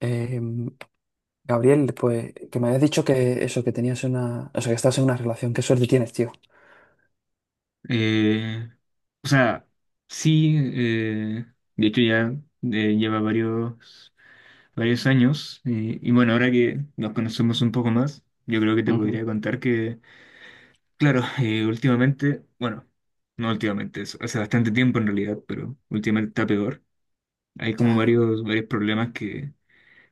Eh, Gabriel, pues que me habías dicho que eso, que tenías una, o sea, que estás en una relación, qué suerte tienes, tío. Eh, o sea, sí, de hecho ya lleva varios años, y bueno, ahora que nos conocemos un poco más, yo creo que te podría Ujú. contar que, claro. Últimamente, bueno, no últimamente, hace bastante tiempo en realidad, pero últimamente está peor. Hay como Ya. Varios problemas que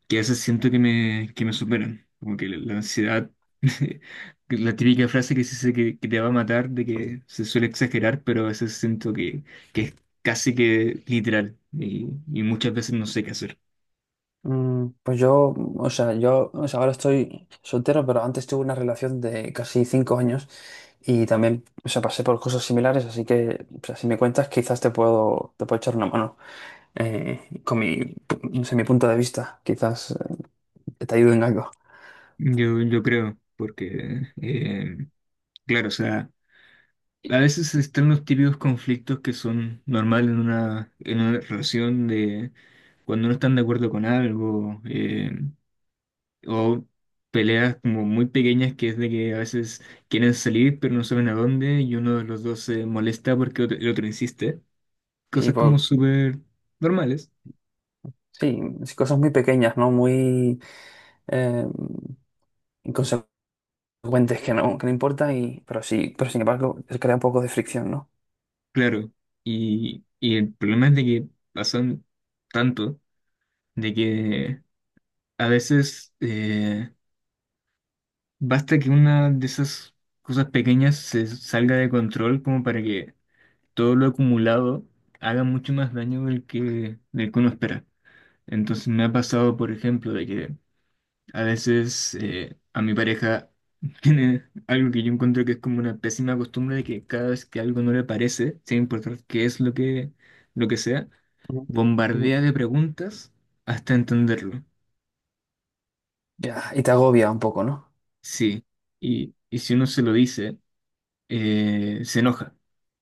que a veces siento que me superan. Como que la ansiedad. Que la típica frase que se dice que te va a matar, de que se suele exagerar, pero a veces siento que es casi que literal y muchas veces no sé qué hacer. Mm, pues yo, o sea, ahora estoy soltero, pero antes tuve una relación de casi cinco años y también, o sea, pasé por cosas similares, así que, o sea, si me cuentas, quizás te puedo echar una mano con mi, no sé, mi punto de vista, quizás te ayude en algo. Yo creo, porque, claro, o sea, a veces están los típicos conflictos que son normales en en una relación de cuando no están de acuerdo con algo. O peleas como muy pequeñas que es de que a veces quieren salir pero no saben a dónde, y uno de los dos se molesta porque el otro insiste. Sí, Cosas pues, como súper normales, sí, sí, cosas muy pequeñas, ¿no? Muy eh, inconsecuentes cuentes que no importa, y, pero sí, pero sin embargo, se crea un poco de fricción, ¿no? claro. Y el problema es de que pasan tanto, de que a veces, basta que una de esas cosas pequeñas se salga de control como para que todo lo acumulado haga mucho más daño del que uno espera. Entonces me ha pasado, por ejemplo, de que a veces, a mi pareja tiene algo que yo encuentro que es como una pésima costumbre, de que cada vez que algo no le parece, sin importar qué es lo que sea, Ujú, ujú. bombardea de preguntas hasta entenderlo. Ya, y te agobia un poco, ¿no? Sí. Y si uno se lo dice, se enoja.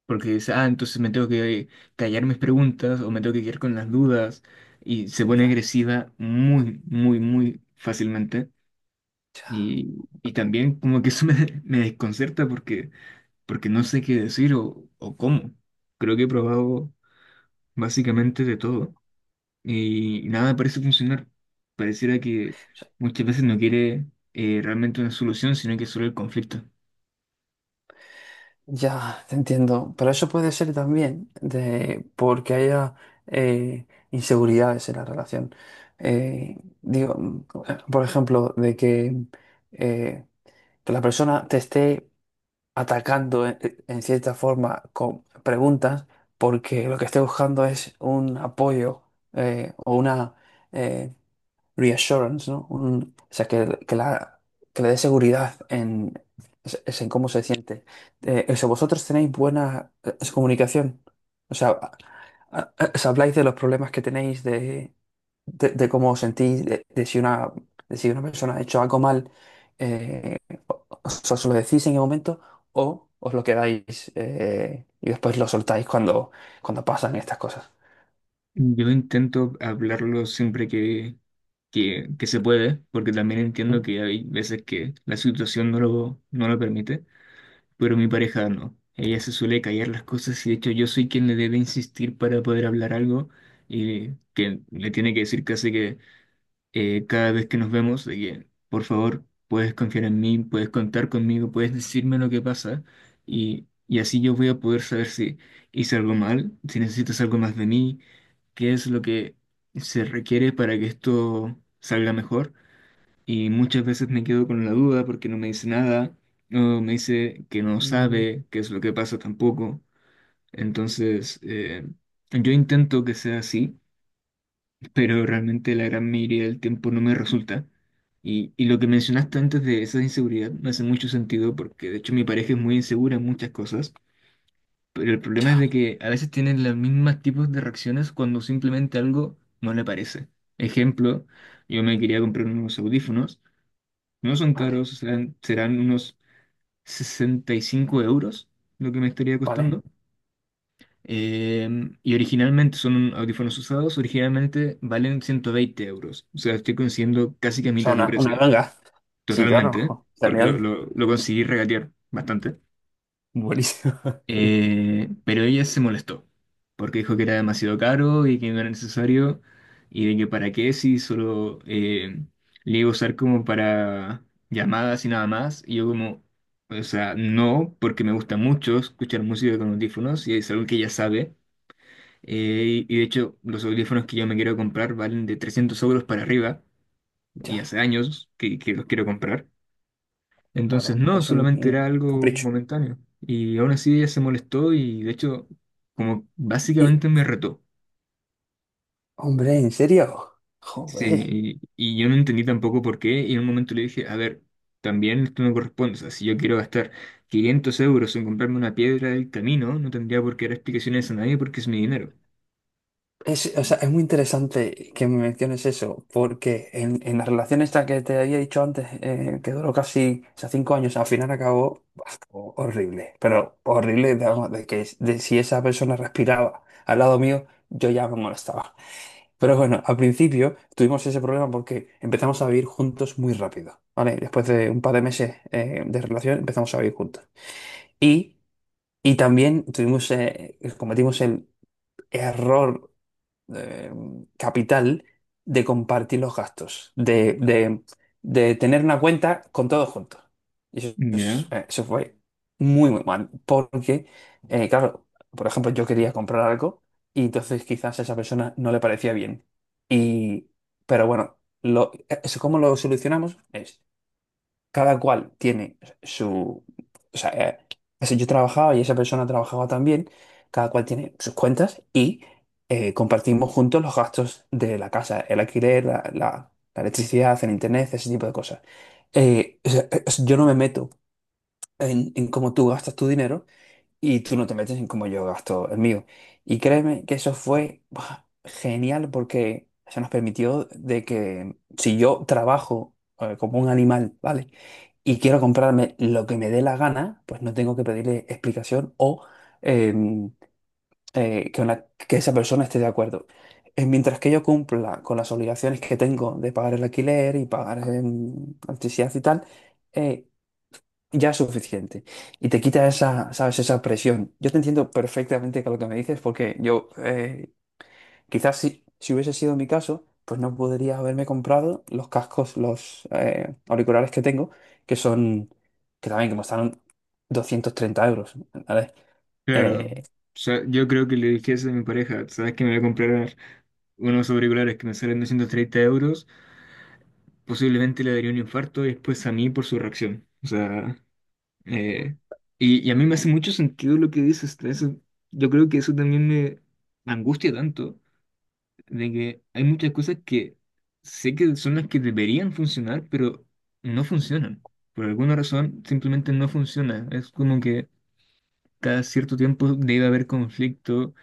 Porque dice, ah, entonces me tengo que callar mis preguntas o me tengo que quedar con las dudas. Y se Y pone ya, agresiva muy fácilmente. ya, Y también como que eso me desconcerta porque, porque no sé qué decir o cómo. Creo que he probado básicamente de todo y nada parece funcionar. Pareciera que muchas veces no quiere, realmente una solución, sino que solo el conflicto. ya, te entiendo. Pero eso puede ser también de porque haya inseguridades en la relación. Digo, mm, por ejemplo, de eh, que la persona te esté atacando en cierta forma con preguntas, porque lo que estoy buscando es un apoyo o una, eh, reassurance, ¿no? Un- o sea, que la, que le dé seguridad en, es- en cómo se siente. O sea, vosotros tenéis buena comunicación. O sea, a- os habláis de los problemas que tenéis, de cómo os sentís, de si una persona ha hecho algo mal, eh, os, os lo decís en el momento o os lo quedáis y después lo soltáis cuando, cuando pasan estas cosas. Yo intento hablarlo siempre que se puede, porque también entiendo Mm, que hay veces que la situación no no lo permite, pero mi pareja no. Ella se suele callar las cosas y de hecho yo soy quien le debe insistir para poder hablar algo, y que le tiene que decir casi que, cada vez que nos vemos, de que por favor puedes confiar en mí, puedes contar conmigo, puedes decirme lo que pasa, y así yo voy a poder saber si hice algo mal, si necesitas algo más de mí, qué es lo que se requiere para que esto salga mejor. Y muchas veces me quedo con la duda porque no me dice nada, o me dice que no mm, sabe qué es lo que pasa tampoco. Entonces, yo intento que sea así, pero realmente la gran mayoría del tiempo no me resulta. Y lo que mencionaste antes de esa inseguridad me hace mucho sentido, porque de hecho mi pareja es muy insegura en muchas cosas, pero el problema es de ya. que a veces tienen los mismos tipos de reacciones cuando simplemente algo no le parece. Ejemplo, yo me quería comprar unos audífonos. No son Vale, caros, serán unos 65 euros lo que me estaría vale. costando. Eh, y originalmente son audífonos usados, originalmente valen 120 euros. O sea, estoy consiguiendo casi que a O sea, mitad de una precio, ganga. Sí, claro. totalmente, ¿eh? Jo, Porque genial. Lo conseguí regatear bastante. Buenísimo. Qué- Pero ella se molestó porque dijo que era demasiado caro y que no era necesario, y de que para qué, si solo, le iba a usar como para llamadas y nada más. Y yo como, o sea, no, porque me gusta mucho escuchar música con audífonos y es algo que ella sabe. Y de hecho los audífonos que yo me quiero comprar valen de 300 euros para arriba, y Ya, hace años que los quiero comprar. Entonces, claro. no, Es solamente un era algo capricho. momentáneo. Y aún así ella se molestó y de hecho, como Y, básicamente me retó. hombre, ¿en serio? Joder. Sí, y yo no entendí tampoco por qué. Y en un momento le dije, a ver, también esto me corresponde. O sea, si yo quiero gastar 500 euros en comprarme una piedra del camino, no tendría por qué dar explicaciones a nadie porque es mi dinero. Es, o sea, es muy interesante que me menciones eso, porque en la relación esta que te había dicho antes, que duró casi, o sea, cinco años, al final acabó ho- horrible, pero horrible, digamos, de que es- de si esa persona respiraba al lado mío, yo ya me molestaba. Pero bueno, al principio tuvimos ese problema porque empezamos a vivir juntos muy rápido, ¿vale? Después de un par de meses de relación empezamos a vivir juntos. Y, y también tuvimos, cometimos el error eh, capital de compartir los gastos, de tener una cuenta con todos juntos. Y eso, Ya, es- eso fue muy, muy mal, porque, claro, por ejemplo, yo quería comprar algo y entonces quizás a esa persona no le parecía bien. Y, pero bueno, lo, eso cómo lo solucionamos es cada cual tiene su... O sea, ese yo trabajaba y esa persona trabajaba también, cada cual tiene sus cuentas y compartimos juntos los gastos de la casa, el alquiler, la- la electricidad, el internet, ese tipo de cosas. O sea, yo no me meto en cómo tú gastas tu dinero, y tú no te metes en cómo yo gasto el mío. Y créeme que eso fue buah, genial porque se nos permitió de que si yo trabajo como un animal, ¿vale? Y quiero comprarme lo que me dé la gana, pues no tengo que pedirle explicación o eh, que, una- que esa persona esté de acuerdo. Mientras que yo cumpla con las obligaciones que tengo de pagar el alquiler y pagar electricidad y tal, eh, ya es suficiente. Y te quita esa, ¿sabes? Esa presión. Yo te entiendo perfectamente con lo que me dices, porque yo quizás si, si hubiese sido mi caso, pues no podría haberme comprado los cascos, los auriculares que tengo, que son, que también que costaron 230 euros, ¿vale? claro. Eh, O sea, yo creo que le dije eso a mi pareja, ¿sabes que me voy a comprar unos auriculares que me salen 230 euros? Posiblemente le daría un infarto y después a mí por su reacción. O sea, eh, y a mí me hace mucho sentido lo que dices. Eso, yo creo que eso también me angustia tanto, de que hay muchas cosas que sé que son las que deberían funcionar, pero no funcionan. Por alguna razón, simplemente no funciona. Es como que cada cierto tiempo debe haber conflicto.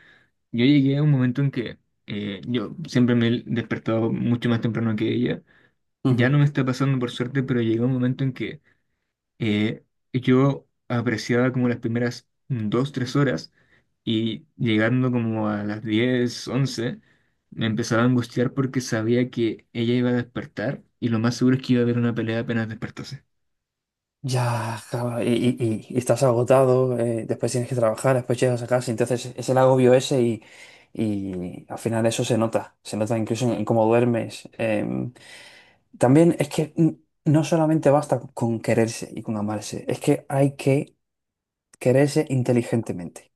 Yo llegué a un momento en que, yo siempre me he despertado mucho más temprano que ella. Ya ujú. no me está pasando por suerte, pero llegó un momento en que, eh, yo apreciaba como las primeras dos, tres horas, y llegando como a las 10 11 me empezaba a angustiar porque sabía que ella iba a despertar y lo más seguro es que iba a haber una pelea apenas despertase. Ya, claro, y estás agotado, después tienes que trabajar, después llegas a casa, entonces es el agobio ese y al final eso se nota incluso en cómo duermes. También es que n- no solamente basta con quererse y con amarse, es que hay que quererse inteligentemente.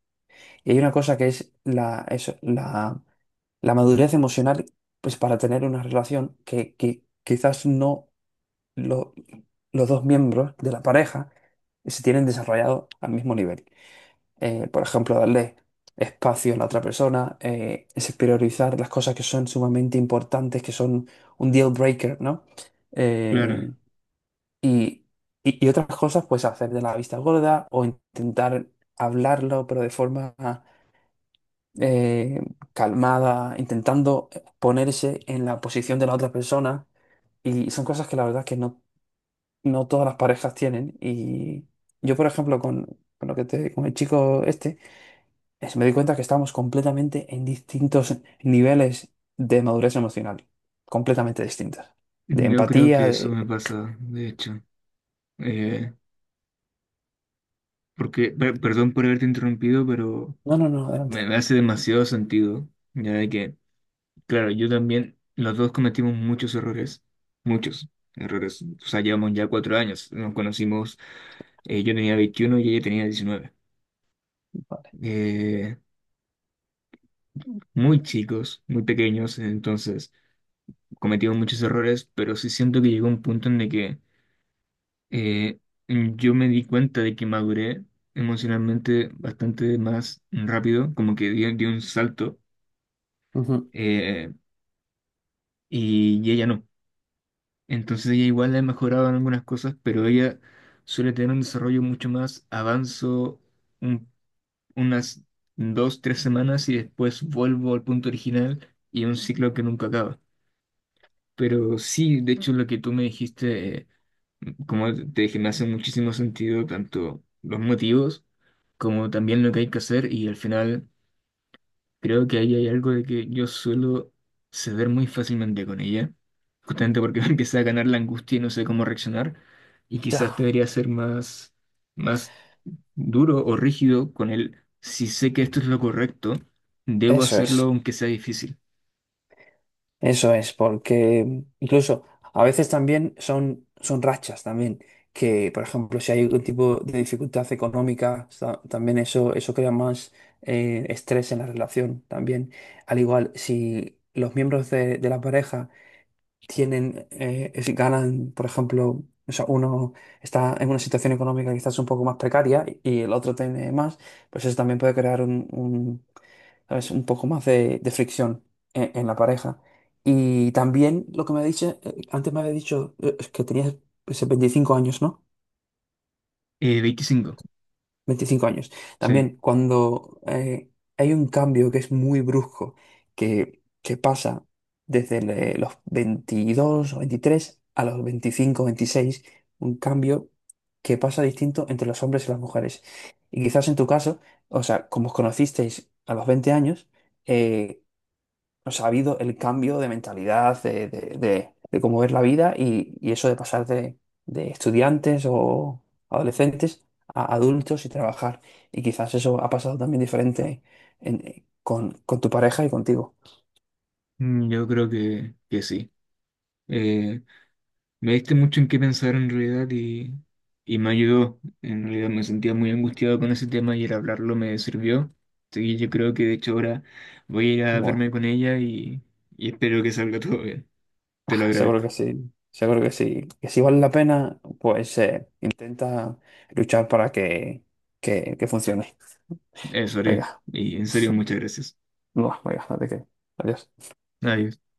Y hay una cosa que es la, eso, la madurez emocional, pues para tener una relación que quizás no lo- los dos miembros de la pareja se tienen desarrollado al mismo nivel. Por ejemplo, darle espacio a la otra persona, es priorizar las cosas que son sumamente importantes, que son un deal breaker, ¿no? Claro, Eh, y, y otras cosas, pues hacer de la vista gorda o intentar hablarlo, pero de forma eh, calmada, intentando ponerse en la posición de la otra persona. Y son cosas que la verdad es que no, no todas las parejas tienen. Y yo, por ejemplo, con lo que te, con el chico este, es- me di cuenta que estamos completamente en distintos niveles de madurez emocional. Completamente distintas. De yo creo empatía, que eso me de... pasa, de hecho. Eh, Porque, perdón por haberte interrumpido, pero No, no, no, me adelante. me hace demasiado sentido, ya de que, claro, yo también, los dos cometimos muchos errores, muchos errores. O sea, llevamos ya cuatro años, nos conocimos, yo tenía 21 y ella tenía 19. Vale. Eh, Muy chicos, muy pequeños, entonces cometimos muchos errores, pero sí siento que llegó un punto en el que, eh, yo me di cuenta de que maduré emocionalmente bastante más rápido, como que di un salto, Ujú. eh, y ella no. Entonces ella igual le ha mejorado en algunas cosas, pero ella suele tener un desarrollo mucho más avanzo, un- unas dos, tres semanas y después vuelvo al punto original, y es un ciclo que nunca acaba. Pero sí, de hecho lo que tú me dijiste, como te dije, me hace muchísimo sentido, tanto los motivos como también lo que hay que hacer y al final... Creo que ahí hay algo de que yo suelo ceder muy fácilmente con ella, justamente porque me empieza a ganar la angustia y no sé cómo reaccionar, y quizás Ya. debería ser más, más duro o rígido, con el si sé que esto es lo correcto, debo Eso hacerlo es, aunque sea difícil. eso es, porque incluso a veces también son, son rachas también, que por ejemplo si hay algún tipo de dificultad económica, sa- también eso crea más estrés en la relación también. Al igual, si los miembros de la pareja tienen, es- ganan, por ejemplo, o sea, uno está en una situación económica quizás un poco más precaria y, el otro tiene más, pues eso también puede crear un, ¿sabes? Un poco más de fricción en la pareja. Y también lo que me ha dicho, antes me había dicho es que tenías pues, 25 años, ¿no? 25, 25 años. sí. También cuando hay un cambio que es muy brusco, que pasa desde le- los 22 o 23 a los 25 o 26, un cambio que pasa distinto entre los hombres y las mujeres. Y quizás en tu caso, o sea, como os conocisteis a los 20 años, eh, o sea, ha habido el cambio de mentalidad, de cómo ver la vida y eso de pasar de estudiantes o adolescentes a adultos y trabajar. Y quizás eso ha pasado también diferente en- con tu pareja y contigo. Mm, yo creo que sí. Eh, Me diste mucho en qué pensar en realidad, y me ayudó. En realidad me sentía muy angustiado con ese tema y el hablarlo me sirvió. Así que yo creo que de hecho ahora voy a ir a verme Bueno, con ella, y espero que salga todo bien. Te lo ah, seguro agradezco. que sí, seguro que sí. Que si vale la pena, pues intenta luchar para que funcione. Eso haré. Venga, Y en serio, muchas gracias. no, venga, no te quedes. Adiós. Adiós.